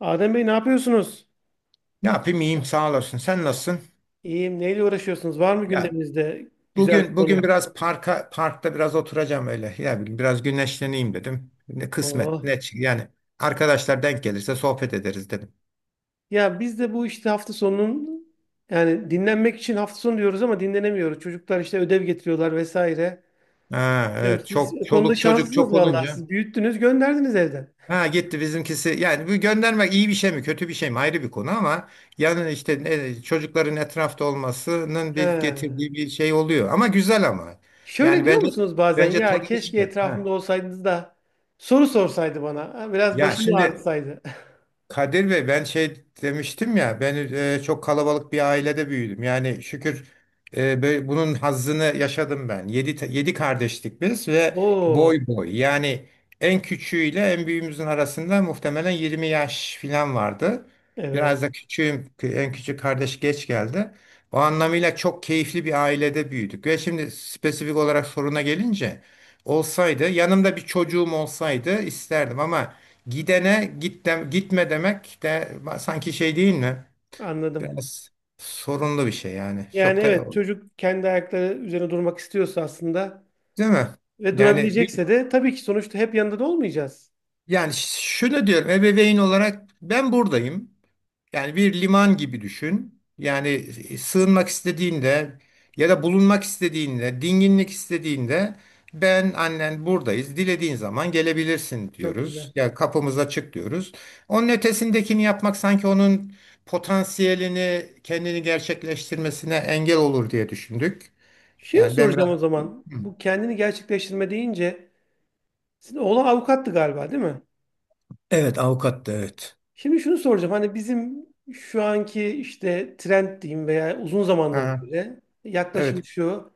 Adem Bey ne yapıyorsunuz? Ne yapayım, iyiyim sağ olasın. Sen nasılsın? İyiyim. Neyle uğraşıyorsunuz? Var mı Ya, gündeminizde güzel bir bugün konu? bugün biraz parkta biraz oturacağım öyle. Ya bugün biraz güneşleneyim dedim. Ne kısmet ne Oh. çı- Yani arkadaşlar denk gelirse sohbet ederiz dedim. Ya biz de bu işte hafta sonunun yani dinlenmek için hafta sonu diyoruz ama dinlenemiyoruz. Çocuklar işte ödev getiriyorlar vesaire. Ha Bilmiyorum, evet, siz çok o konuda çoluk çocuk şanslısınız çok vallahi. olunca Siz büyüttünüz, gönderdiniz evden. ha gitti bizimkisi. Yani bu göndermek iyi bir şey mi kötü bir şey mi ayrı bir konu ama yani işte çocukların etrafta olmasının bir He. getirdiği bir şey oluyor. Ama güzel ama. Şöyle Yani diyor bence musunuz bazen bence ya tadını keşke çıkar. etrafımda Ha. olsaydınız da soru sorsaydı bana. Ha, biraz Ya başımı şimdi ağrıtsaydı. Kadir Bey, ben şey demiştim ya, ben, çok kalabalık bir ailede büyüdüm. Yani şükür, böyle bunun hazzını yaşadım ben. Yedi kardeştik biz ve Oo, boy boy. Yani en küçüğüyle en büyüğümüzün arasında muhtemelen 20 yaş falan vardı. evet Biraz da küçüğüm, en küçük kardeş geç geldi. O anlamıyla çok keyifli bir ailede büyüdük. Ve şimdi spesifik olarak soruna gelince, olsaydı yanımda bir çocuğum olsaydı isterdim ama gidene gitme demek de sanki şey değil mi? anladım. Biraz sorunlu bir şey yani. Yani Çok da evet çocuk kendi ayakları üzerine durmak istiyorsa aslında değil mi? ve Yani durabilecekse de tabii ki sonuçta hep yanında da olmayacağız. Yani şunu diyorum, ebeveyn olarak ben buradayım. Yani bir liman gibi düşün. Yani sığınmak istediğinde ya da bulunmak istediğinde, dinginlik istediğinde ben, annen buradayız. Dilediğin zaman gelebilirsin Çok güzel. diyoruz. Ya yani kapımız açık diyoruz. Onun ötesindekini yapmak sanki onun potansiyelini, kendini gerçekleştirmesine engel olur diye düşündük. Şey Yani ben soracağım biraz. o zaman? Hı. Bu kendini gerçekleştirme deyince sizin oğlan avukattı galiba değil mi? Evet, avukat da, evet. Şimdi şunu soracağım. Hani bizim şu anki işte trend diyeyim veya uzun zamandır Aha, böyle yaklaşım evet. şu.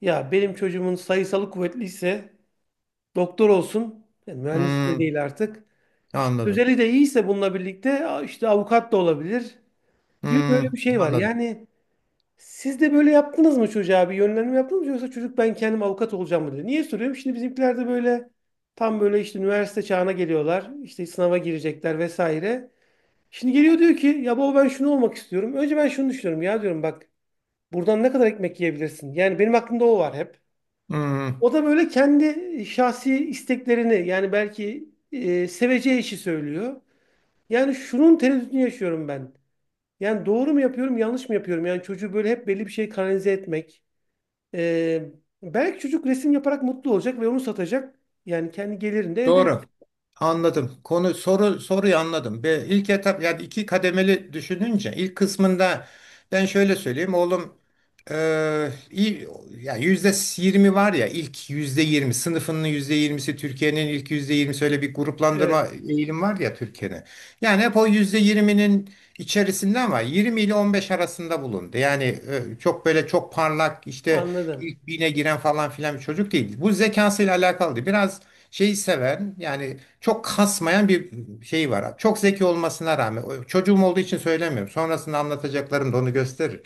Ya benim çocuğumun sayısalı kuvvetliyse doktor olsun. Yani mühendis de Hmm, değil artık. İşte anladım. özeli de iyiyse bununla birlikte işte avukat da olabilir, gibi böyle bir Hmm, şey var. anladım. Yani siz de böyle yaptınız mı, çocuğa bir yönlendirme yaptınız mı, yoksa çocuk ben kendim avukat olacağım mı dedi. Niye soruyorum? Şimdi bizimkiler de böyle tam böyle işte üniversite çağına geliyorlar. İşte sınava girecekler vesaire. Şimdi geliyor diyor ki ya baba ben şunu olmak istiyorum. Önce ben şunu düşünüyorum ya diyorum bak buradan ne kadar ekmek yiyebilirsin? Yani benim aklımda o var hep. Hmm, O da böyle kendi şahsi isteklerini yani belki seveceği işi söylüyor. Yani şunun tereddütünü yaşıyorum ben. Yani doğru mu yapıyorum, yanlış mı yapıyorum? Yani çocuğu böyle hep belli bir şey kanalize etmek. Ee, Belki çocuk resim yaparak mutlu olacak ve onu satacak. Yani kendi gelirini de elde edecek. doğru. Anladım. Konu, soruyu anladım. Ve ilk etap, yani iki kademeli düşününce ilk kısmında ben şöyle söyleyeyim, oğlum, iyi ya, %20 var ya, ilk %20, sınıfının %20'si, Türkiye'nin ilk %20'si, öyle bir gruplandırma Evet, eğilim var ya Türkiye'de. Yani hep o %20'nin içerisinde ama 20 ile 15 arasında bulundu. Yani çok böyle çok parlak işte anladım, ilk bine giren falan filan bir çocuk değil. Bu zekasıyla alakalıydı. Biraz şeyi seven, yani çok kasmayan bir şey var. Çok zeki olmasına rağmen, çocuğum olduğu için söylemiyorum. Sonrasında anlatacaklarım da onu gösterir.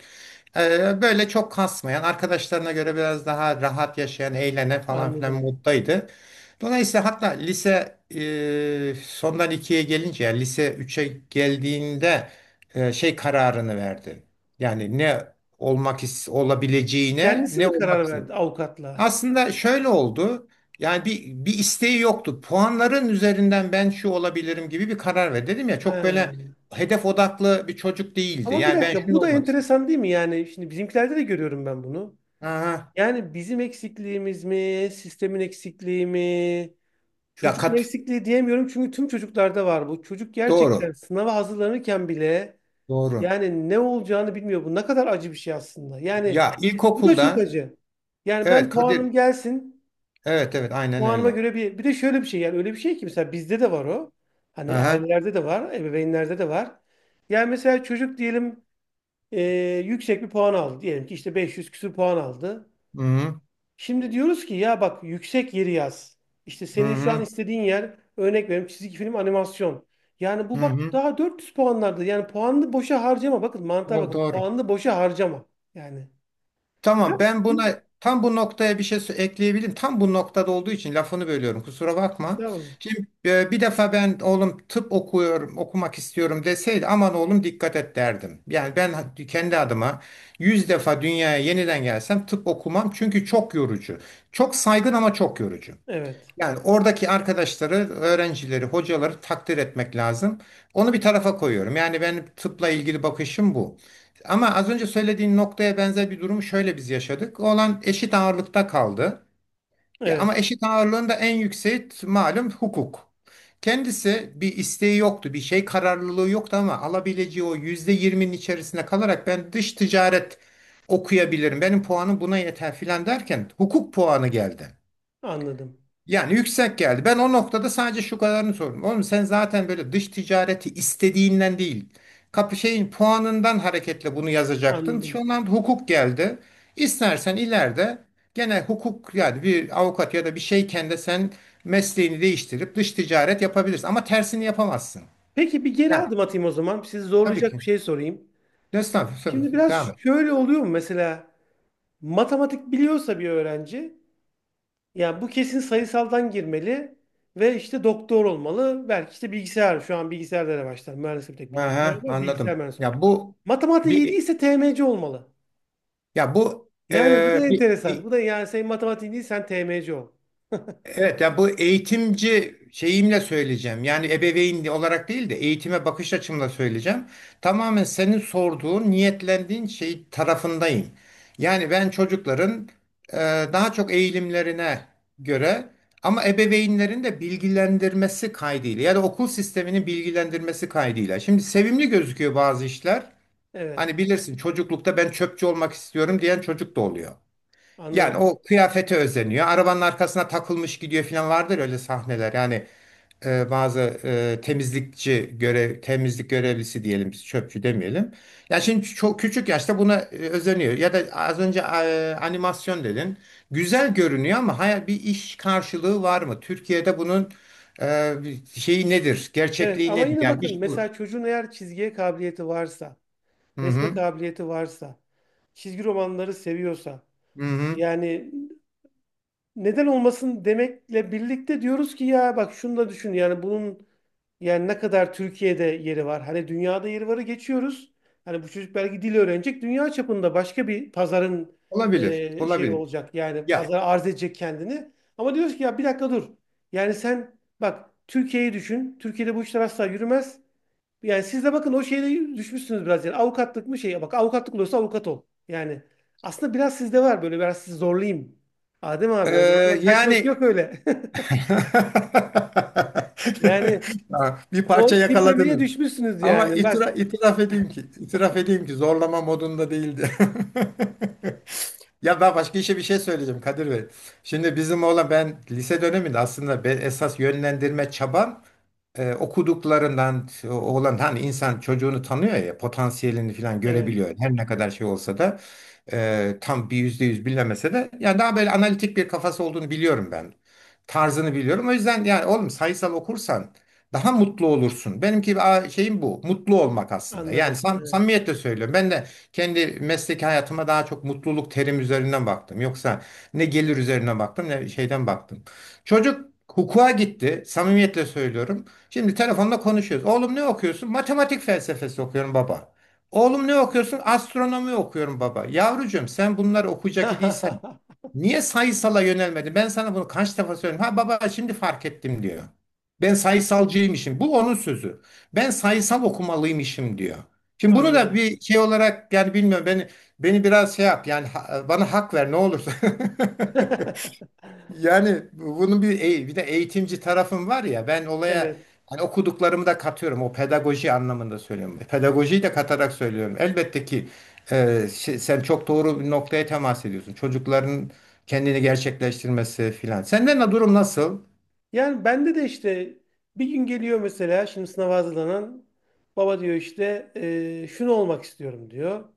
Böyle çok kasmayan, arkadaşlarına göre biraz daha rahat yaşayan, eğlenen falan filan anladım. moddaydı. Dolayısıyla hatta lise, sondan ikiye gelince, yani lise üçe geldiğinde, şey kararını verdi. Yani ne olmak olabileceğine, Kendisi ne mi olmak karar istedi. verdi avukatla? Aslında şöyle oldu. Yani bir isteği yoktu. Puanların üzerinden ben şu olabilirim gibi bir karar verdi. Dedim ya, çok böyle He. hedef odaklı bir çocuk değildi. Ama bir Yani ben dakika, şunu bu da olmak istedim. enteresan değil mi? Yani şimdi bizimkilerde de görüyorum ben bunu. Aha. Yani bizim eksikliğimiz mi, sistemin eksikliği mi? Ya Çocuklar eksikliği diyemiyorum çünkü tüm çocuklarda var bu. Çocuk gerçekten doğru. sınava hazırlanırken bile Doğru. yani ne olacağını bilmiyor. Bu ne kadar acı bir şey aslında. Yani Ya bu da çok ilkokulda, acı. Yani evet ben puanım Kadir, gelsin. evet evet aynen Puanıma öyle. göre bir de şöyle bir şey yani öyle bir şey ki mesela bizde de var o. Hani Aha. ailelerde de var, ebeveynlerde de var. Yani mesela çocuk diyelim e, yüksek bir puan aldı. Diyelim ki işte 500 küsur puan aldı. Hı hı. Şimdi diyoruz ki ya bak yüksek yeri yaz. İşte Hı senin şu an hı. istediğin yer, örnek veriyorum, çizgi film animasyon. Yani bu Hı bak hı. daha 400 puanlarda. Yani puanlı boşa harcama. Bakın mantığa O bakın. doğru. Puanlı boşa harcama. Yani biraz Tamam, ben bir buna, tam bu noktaya bir şey ekleyebilirim. Tam bu noktada olduğu için lafını bölüyorum, kusura bakma. estağfurullah. Şimdi bir defa, ben oğlum tıp okuyorum, okumak istiyorum deseydi aman oğlum dikkat et derdim. Yani ben kendi adıma 100 defa dünyaya yeniden gelsem tıp okumam çünkü çok yorucu. Çok saygın ama çok yorucu. Evet. Yani oradaki arkadaşları, öğrencileri, hocaları takdir etmek lazım. Onu bir tarafa koyuyorum. Yani benim tıpla ilgili bakışım bu. Ama az önce söylediğin noktaya benzer bir durumu şöyle biz yaşadık. Olan eşit ağırlıkta kaldı. Ya Evet. ama eşit ağırlığın da en yükseği malum hukuk. Kendisi bir isteği yoktu, bir şey kararlılığı yoktu ama alabileceği o %20'nin içerisinde kalarak ben dış ticaret okuyabilirim, benim puanım buna yeter filan derken hukuk puanı geldi. Anladım. Yani yüksek geldi. Ben o noktada sadece şu kadarını sordum: oğlum sen zaten böyle dış ticareti istediğinden değil, kapı şeyin puanından hareketle bunu yazacaktın. Şu Anladım. an hukuk geldi. İstersen ileride gene hukuk, yani bir avukat ya da bir şeyken de sen mesleğini değiştirip dış ticaret yapabilirsin. Ama tersini yapamazsın. Peki bir geri Yani adım atayım o zaman. Sizi tabii zorlayacak ki. bir şey sorayım. Estağfurullah. Şimdi Estağfurullah. biraz Devam et. şöyle oluyor mu mesela matematik biliyorsa bir öğrenci, yani bu kesin sayısaldan girmeli ve işte doktor olmalı. Belki işte bilgisayar. Şu an bilgisayarlara başlar. Mühendislik bir tek bilgisayar Aha, var. Bilgisayar anladım. mühendisi olmalı. Ya bu Matematik iyi bir değilse TMC olmalı. ya bu Yani bu e, da bir enteresan. bir- Bu da yani senin matematiğin değil sen TMC ol. Evet, yani bu, eğitimci şeyimle söyleyeceğim. Yani ebeveyn olarak değil de eğitime bakış açımla söyleyeceğim. Tamamen senin sorduğun, niyetlendiğin şey tarafındayım. Yani ben çocukların, e, daha çok eğilimlerine göre, ama ebeveynlerin de bilgilendirmesi kaydıyla ya da okul sisteminin bilgilendirmesi kaydıyla. Şimdi sevimli gözüküyor bazı işler. Evet, Hani bilirsin, çocuklukta ben çöpçü olmak istiyorum diyen çocuk da oluyor. Yani anladım. o kıyafete özeniyor. Arabanın arkasına takılmış gidiyor falan, vardır öyle sahneler. Yani bazı temizlikçi görev, temizlik görevlisi diyelim, biz çöpçü demeyelim. Ya şimdi çok küçük yaşta buna özeniyor. Ya da az önce animasyon dedin. Güzel görünüyor ama hayal, bir iş karşılığı var mı Türkiye'de bunun? e, Şeyi nedir? Evet Gerçekliği ama nedir? yine Yani bakın iş bu. mesela çocuğun eğer çizgiye kabiliyeti varsa, Hı resme hı. kabiliyeti varsa, çizgi romanları seviyorsa Hı hı. yani neden olmasın demekle birlikte diyoruz ki ya bak şunu da düşün yani bunun, yani ne kadar Türkiye'de yeri var. Hani dünyada yeri varı geçiyoruz. Hani bu çocuk belki dil öğrenecek. Dünya çapında başka bir pazarın Olabilir. Şey Olabilir. olacak. Yani Ya pazara arz edecek kendini. Ama diyoruz ki ya bir dakika dur. Yani sen bak Türkiye'yi düşün. Türkiye'de bu işler asla yürümez. Yani siz de bakın o şeyde düşmüşsünüz biraz. Yani avukatlık mı şey? Bak avukatlık olursa avukat ol. Yani aslında biraz sizde var böyle, biraz sizi zorlayayım. Adem e, abi öyle hemen kaçmak yani yok öyle. Yani Ha, bir parça o tiplemeye yakaladınız. düşmüşsünüz Ama yani. Bak itiraf edeyim ki zorlama modunda değildi. Ya ben başka işe bir şey söyleyeceğim Kadir Bey. Şimdi bizim oğlan, ben lise döneminde aslında, ben esas yönlendirme çabam, okuduklarından, oğlan hani insan çocuğunu tanıyor ya, potansiyelini falan evet, görebiliyor her ne kadar şey olsa da. Tam bir %100 bilemese de yani daha böyle analitik bir kafası olduğunu biliyorum ben. Tarzını biliyorum. O yüzden yani oğlum sayısal okursan daha mutlu olursun. Benimki, şeyim bu. Mutlu olmak aslında. Yani anladım. Evet. samimiyetle söylüyorum. Ben de kendi mesleki hayatıma daha çok mutluluk terim üzerinden baktım. Yoksa ne gelir üzerine baktım ne şeyden baktım. Çocuk hukuka gitti. Samimiyetle söylüyorum. Şimdi telefonla konuşuyoruz. Oğlum ne okuyorsun? Matematik felsefesi okuyorum baba. Oğlum ne okuyorsun? Astronomi okuyorum baba. Yavrucuğum, sen bunları okuyacak idiysen niye sayısala yönelmedin? Ben sana bunu kaç defa söyledim. Ha baba, şimdi fark ettim diyor. Ben sayısalcıymışım. Bu onun sözü. Ben sayısal okumalıymışım diyor. Şimdi bunu da Anladım. bir şey olarak, yani bilmiyorum, beni biraz şey yap yani, bana hak ver ne olursa. Yani bunun bir de eğitimci tarafım var ya, ben olaya Evet. hani okuduklarımı da katıyorum, o pedagoji anlamında söylüyorum. Pedagojiyi de katarak söylüyorum. Elbette ki, sen çok doğru bir noktaya temas ediyorsun. Çocukların kendini gerçekleştirmesi filan. Senden de durum nasıl? Yani bende de işte bir gün geliyor mesela şimdi sınava hazırlanan baba diyor işte Şunu olmak istiyorum diyor.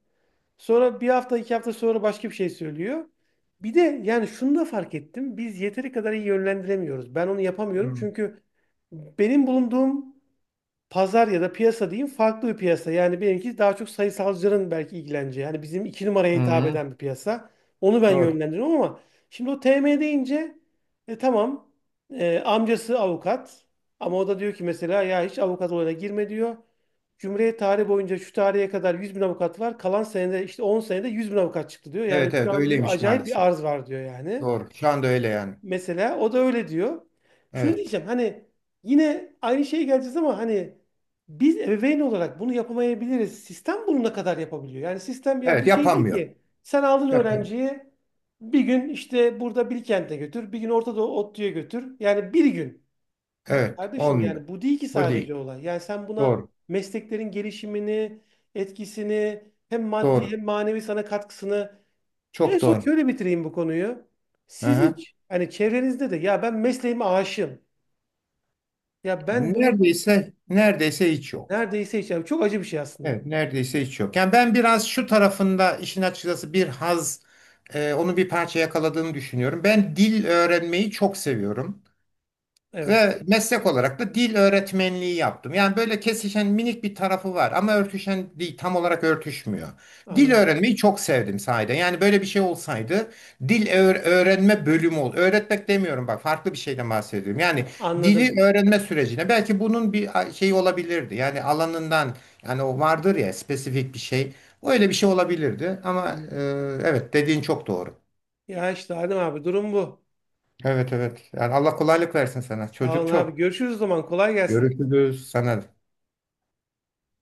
Sonra bir hafta iki hafta sonra başka bir şey söylüyor. Bir de yani şunu da fark ettim. Biz yeteri kadar iyi yönlendiremiyoruz. Ben onu yapamıyorum Hmm. çünkü benim bulunduğum pazar ya da piyasa diyeyim farklı bir piyasa. Yani benimki daha çok sayısalcıların belki ilgileneceği. Yani bizim iki numaraya hitap Hı. eden bir piyasa. Onu ben Doğru. yönlendiriyorum ama şimdi o TM deyince tamam amcası avukat ama o da diyor ki mesela ya hiç avukat olayına girme diyor. Cumhuriyet tarihi boyunca şu tarihe kadar 100.000 avukat var. Kalan senede işte 10 senede 100.000 avukat çıktı diyor. Yani Evet şu evet, an diyor öyleymiş acayip bir maalesef. arz var diyor yani. Doğru. Şu anda öyle yani. Mesela o da öyle diyor. Şunu Evet. diyeceğim hani yine aynı şeye geleceğiz ama hani biz ebeveyn olarak bunu yapamayabiliriz. Sistem bunu ne kadar yapabiliyor? Yani sistem ya Evet bu şey değil yapamıyor. ki. Sen aldın Yapamıyor. öğrenciyi, bir gün işte burada Bilkent'e götür, bir gün Orta Doğu ODTÜ'ye götür. Yani bir gün. Ya Evet kardeşim olmuyor. yani bu değil ki O sadece değil. olay. Yani sen buna Doğru. mesleklerin gelişimini, etkisini, hem maddi Doğru. hem manevi sana katkısını en Çok son doğru. şöyle bitireyim bu konuyu. Hı Siz hı. hiç hani çevrenizde de ya ben mesleğime aşığım. Ya ben bunu Neredeyse hiç yok. neredeyse hiç yap. Çok acı bir şey aslında bu. Evet, neredeyse hiç yok. Yani ben biraz şu tarafında işin, açıkçası bir haz, onu bir parça yakaladığını düşünüyorum. Ben dil öğrenmeyi çok seviyorum. Evet Ve meslek olarak da dil öğretmenliği yaptım. Yani böyle kesişen minik bir tarafı var ama örtüşen değil, tam olarak örtüşmüyor. Dil anladım. öğrenmeyi çok sevdim sahiden. Yani böyle bir şey olsaydı, dil öğrenme bölümü ol. Öğretmek demiyorum bak, farklı bir şeyden bahsediyorum. Yani dili Anladım. öğrenme sürecine belki bunun bir şey olabilirdi. Yani alanından, yani o vardır ya spesifik bir şey. Öyle bir şey olabilirdi ama Anladım. evet dediğin çok doğru. Ya işte Adem abi durum bu. Evet evet. Yani Allah kolaylık versin sana. Sağ Çocuk olun abi. çok. Görüşürüz o zaman. Kolay gelsin. Görüşürüz sana.